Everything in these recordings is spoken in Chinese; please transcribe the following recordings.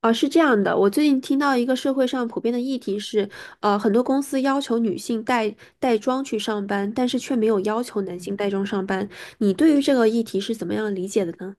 啊，是这样的，我最近听到一个社会上普遍的议题是，很多公司要求女性带妆去上班，但是却没有要求男性带妆上班。你对于这个议题是怎么样理解的呢？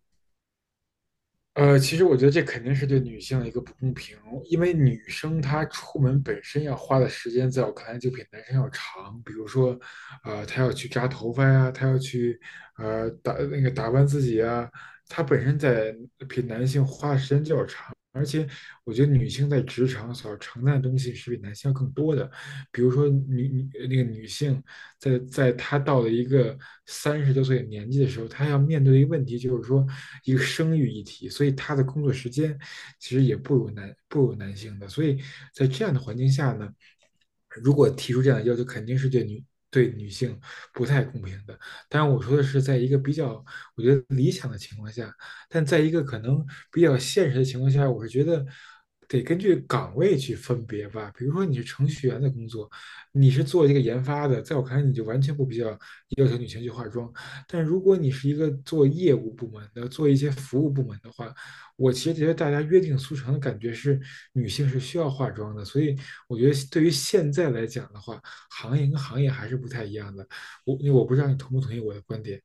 其实我觉得这肯定是对女性的一个不公平，因为女生她出门本身要花的时间，在我看来就比男生要长。比如说，她要去扎头发呀，她要去呃打那个打扮自己啊，她本身在比男性花的时间就要长。而且，我觉得女性在职场所要承担的东西是比男性要更多的，比如说女女呃那个女性。在他到了一个三十多岁的年纪的时候，他要面对的一个问题就是说一个生育议题，所以他的工作时间其实也不如男性的，所以在这样的环境下呢，如果提出这样的要求，肯定是对女性不太公平的。当然，我说的是在一个比较我觉得理想的情况下，但在一个可能比较现实的情况下，我是觉得。得根据岗位去分别吧，比如说你是程序员的工作，你是做这个研发的，在我看来，你就完全不必要要求女性去化妆。但如果你是一个做业务部门的，做一些服务部门的话，我其实觉得大家约定俗成的感觉是女性是需要化妆的。所以我觉得对于现在来讲的话，行业跟行业还是不太一样的。我不知道你同不同意我的观点。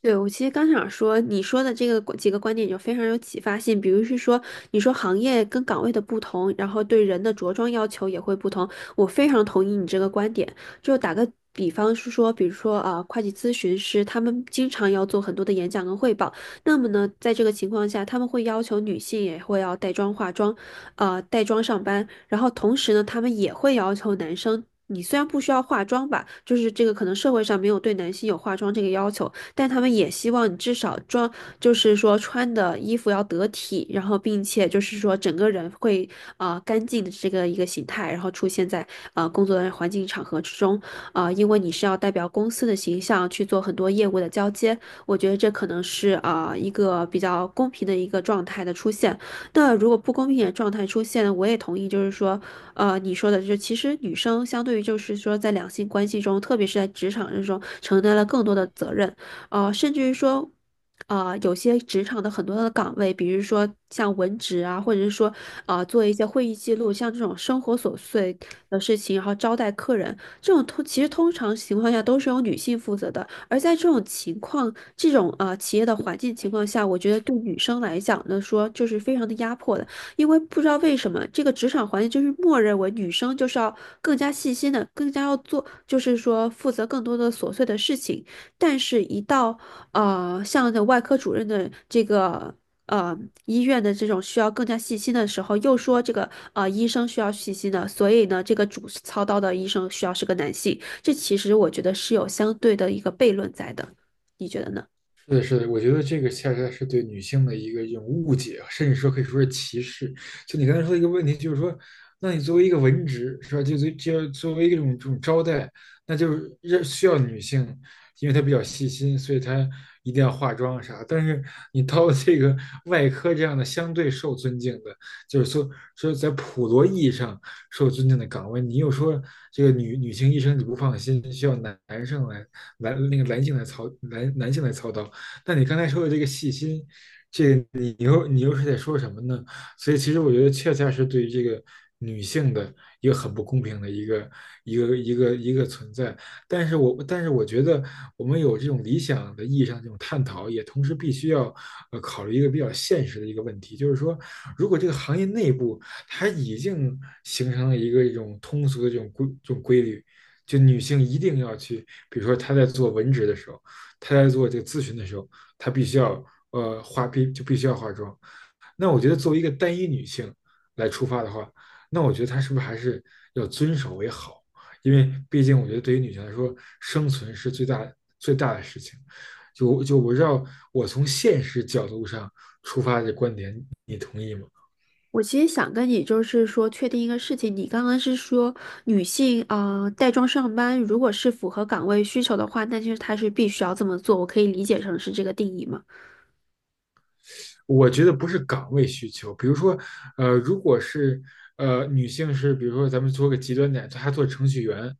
对，我其实刚想说，你说的这个几个观点就非常有启发性。比如是说，你说行业跟岗位的不同，然后对人的着装要求也会不同。我非常同意你这个观点。就打个比方是说，比如说啊，会计咨询师他们经常要做很多的演讲跟汇报。那么呢，在这个情况下，他们会要求女性也会要带妆化妆，带妆上班。然后同时呢，他们也会要求男生。你虽然不需要化妆吧，就是这个可能社会上没有对男性有化妆这个要求，但他们也希望你至少装，就是说穿的衣服要得体，然后并且就是说整个人会干净的这个一个形态，然后出现在啊工作的环境场合之中因为你是要代表公司的形象去做很多业务的交接，我觉得这可能是一个比较公平的一个状态的出现。那如果不公平的状态出现呢我也同意，就是说，你说的就是其实女生相对于就是说在两性关系中，特别是在职场之中，承担了更多的责任。甚至于说，有些职场的很多的岗位，比如说像文职啊，或者是说，做一些会议记录，像这种生活琐碎的事情，然后招待客人，这种其实通常情况下都是由女性负责的。而在这种情况，这种企业的环境情况下，我觉得对女生来讲呢，说就是非常的压迫的，因为不知道为什么这个职场环境就是默认为女生就是要更加细心的，更加要做，就是说负责更多的琐碎的事情。但是，一到像的外科主任的这个呃医院的这种需要更加细心的时候，又说这个医生需要细心的，所以呢，这个主操刀的医生需要是个男性，这其实我觉得是有相对的一个悖论在的，你觉得呢？是的，是的，我觉得这个恰恰是对女性的一个一种误解啊，甚至说可以说是歧视。就你刚才说的一个问题，就是说，那你作为一个文职，是吧？就作为一种这种招待，那就是让需要女性，因为她比较细心，所以她一定要化妆啥。但是你到了这个 外科这样的相对受尊敬的，就是说说在普罗意义上受尊敬的岗位，你又说这个女性医生你不放心，需要男男生来男那个男性来操男男性来操刀。那你刚才说的这个细心，这个你又是在说什么呢？所以其实我觉得恰恰是对于这个女性的一个很不公平的一个存在。但是我觉得我们有这种理想的意义上这种探讨，也同时必须要考虑一个比较现实的一个问题，就是说，如果这个行业内部它已经形成了一个一种通俗的这种规律。就女性一定要去，比如说她在做文职的时候，她在做这个咨询的时候，她必须要呃化必就必须要化妆。那我觉得作为一个单一女性来出发的话，那我觉得她是不是还是要遵守为好？因为毕竟我觉得对于女性来说，生存是最大的事情。就我知道，我从现实角度上出发的观点，你同意吗？我其实想跟你就是说确定一个事情，你刚刚是说女性带妆上班，如果是符合岗位需求的话，那就是她是必须要这么做，我可以理解成是这个定义吗？我觉得不是岗位需求，比如说，如果是女性是，比如说咱们做个极端点，她做程序员，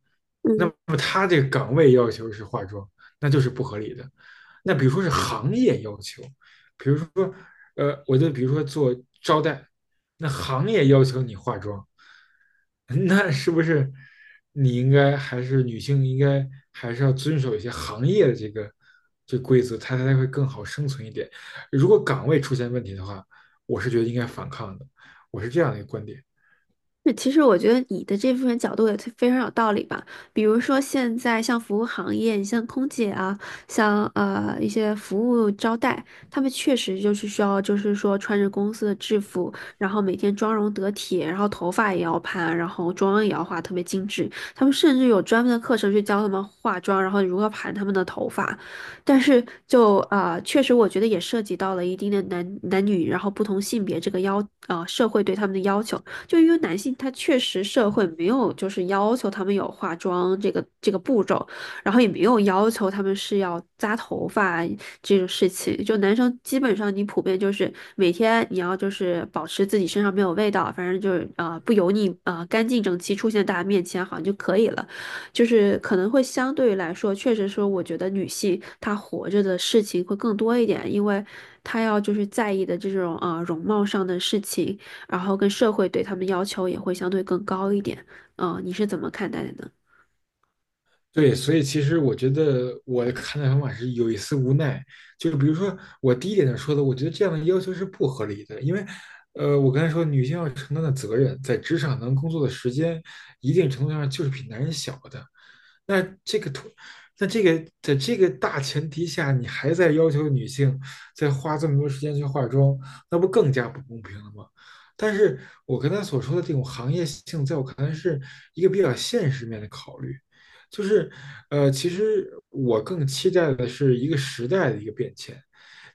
那嗯，么他这个岗位要求是化妆，那就是不合理的。那对。比如说是行业要求，比如说，我就比如说做招待，那行业要求你化妆，那是不是你应该还是女性应该还是要遵守一些行业的这规则，它才会更好生存一点。如果岗位出现问题的话，我是觉得应该反抗的，我是这样的一个观点。那其实我觉得你的这部分角度也特非常有道理吧。比如说现在像服务行业，你像空姐啊，像一些服务招待，他们确实就是需要，就是说穿着公司的制服，然后每天妆容得体，然后头发也要盘，然后妆也要化特别精致。他们甚至有专门的课程去教他们化妆，然后如何盘他们的头发。但是就确实我觉得也涉及到了一定的男女，然后不同性别这个要社会对他们的要求。就因为男性他确实社会没有就是要求他们有化妆这个步骤，然后也没有要求他们是要扎头发这种事情。就男生基本上你普遍就是每天你要就是保持自己身上没有味道，反正就是不油腻啊干净整齐出现在大家面前好像就可以了。就是可能会相对来说，确实说我觉得女性她活着的事情会更多一点，因为她要就是在意的这种容貌上的事情。然后跟社会对他们要求也会相对更高一点。嗯，你是怎么看待的呢？对，所以其实我觉得我的看待方法是有一丝无奈，就是比如说我第一点就说的，我觉得这样的要求是不合理的，因为，我刚才说女性要承担的责任，在职场能工作的时间，一定程度上就是比男人小的。那这个图，那在这个大前提下，你还在要求女性再花这么多时间去化妆，那不更加不公平了吗？但是我刚才所说的这种行业性，在我看来是一个比较现实面的考虑。就是，其实我更期待的是一个时代的一个变迁，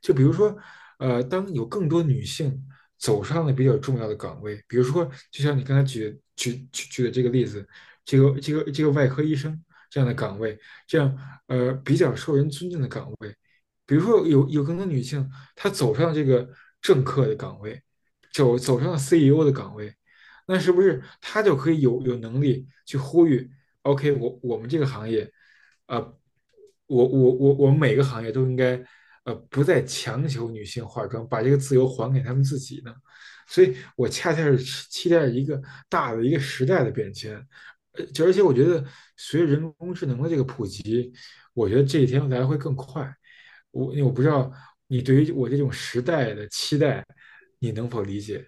就比如说，当有更多女性走上了比较重要的岗位，比如说，就像你刚才举的这个例子，这个外科医生这样的岗位，这样比较受人尊敬的岗位，比如说有更多女性她走上这个政客的岗位，走上了 CEO 的岗位，那是不是她就可以有能力去呼吁？OK，我们这个行业，呃，我们每个行业都应该，不再强求女性化妆，把这个自由还给她们自己呢。所以我恰恰是期待一个大的一个时代的变迁，而且我觉得随着人工智能的这个普及，我觉得这一天来会更快。我不知道你对于我这种时代的期待，你能否理解？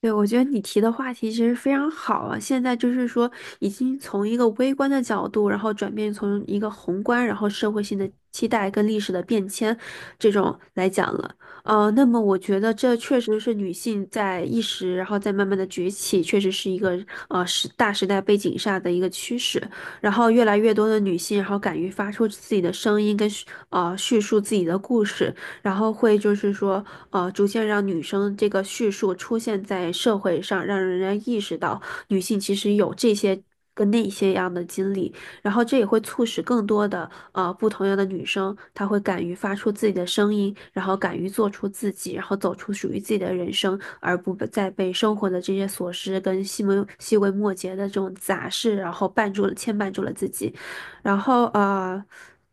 对，我觉得你提的话题其实非常好啊。现在就是说，已经从一个微观的角度，然后转变从一个宏观，然后社会性的期待跟历史的变迁这种来讲了。那么我觉得这确实是女性在意识，然后再慢慢的崛起，确实是一个时代背景下的一个趋势。然后越来越多的女性，然后敢于发出自己的声音跟叙述自己的故事，然后会就是说，逐渐让女生这个叙述出现在社会上，让人家意识到女性其实有这些跟那些样的经历，然后这也会促使更多的不同样的女生，她会敢于发出自己的声音，然后敢于做出自己，然后走出属于自己的人生，而不被生活的这些琐事跟细微末节的这种杂事，然后绊住了牵绊住了自己，然后。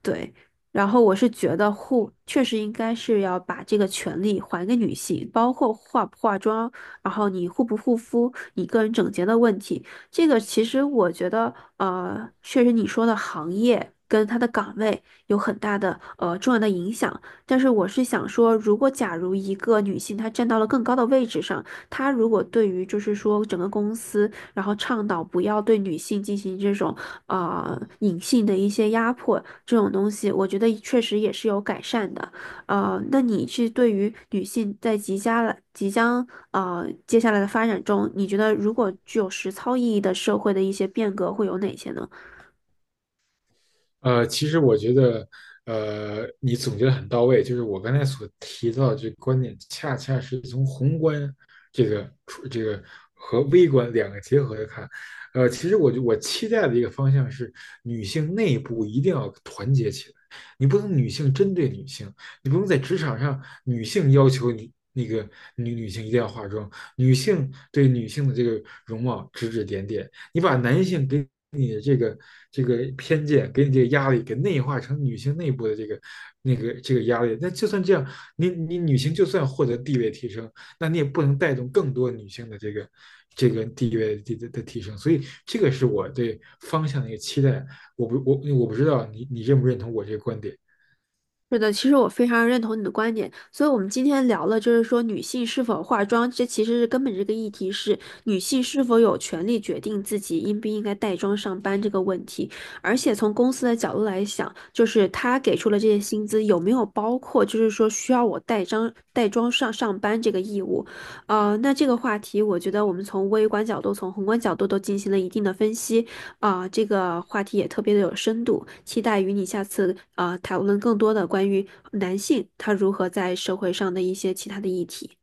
对，然后我是觉得护确实应该是要把这个权利还给女性，包括化不化妆，然后你护不护肤，你个人整洁的问题。这个其实我觉得，确实你说的行业跟它的岗位有很大的重要的影响。但是我是想说，如果假如一个女性她站到了更高的位置上，她如果对于就是说整个公司。然后倡导不要对女性进行这种啊隐性的一些压迫这种东西，我觉得确实也是有改善的。那你是对于女性在即将接下来的发展中，你觉得如果具有实操意义的社会的一些变革会有哪些呢？其实我觉得，你总结的很到位。就是我刚才所提到的这个观点，恰恰是从宏观这个出这个和微观两个结合着看。其实我期待的一个方向是，女性内部一定要团结起来。你不能女性针对女性，你不能在职场上女性要求你女性一定要化妆，女性对女性的这个容貌指指点点。你把男性给你的这个偏见，给你这个压力，给内化成女性内部的这个压力。那就算这样，你女性就算获得地位提升，那你也不能带动更多女性的这个地位的提升。所以这个是我对方向的一个期待。我不知道你认不认同我这个观点。是的，其实我非常认同你的观点，所以我们今天聊了，就是说女性是否化妆，这其实是根本这个议题是女性是否有权利决定自己应不应该带妆上班这个问题。而且从公司的角度来想，就是他给出了这些薪资有没有包括，就是说需要我带妆上班这个义务。那这个话题，我觉得我们从微观角度、从宏观角度都进行了一定的分析。啊，这个话题也特别的有深度，期待与你下次啊讨论更多的关于男性他如何在社会上的一些其他的议题。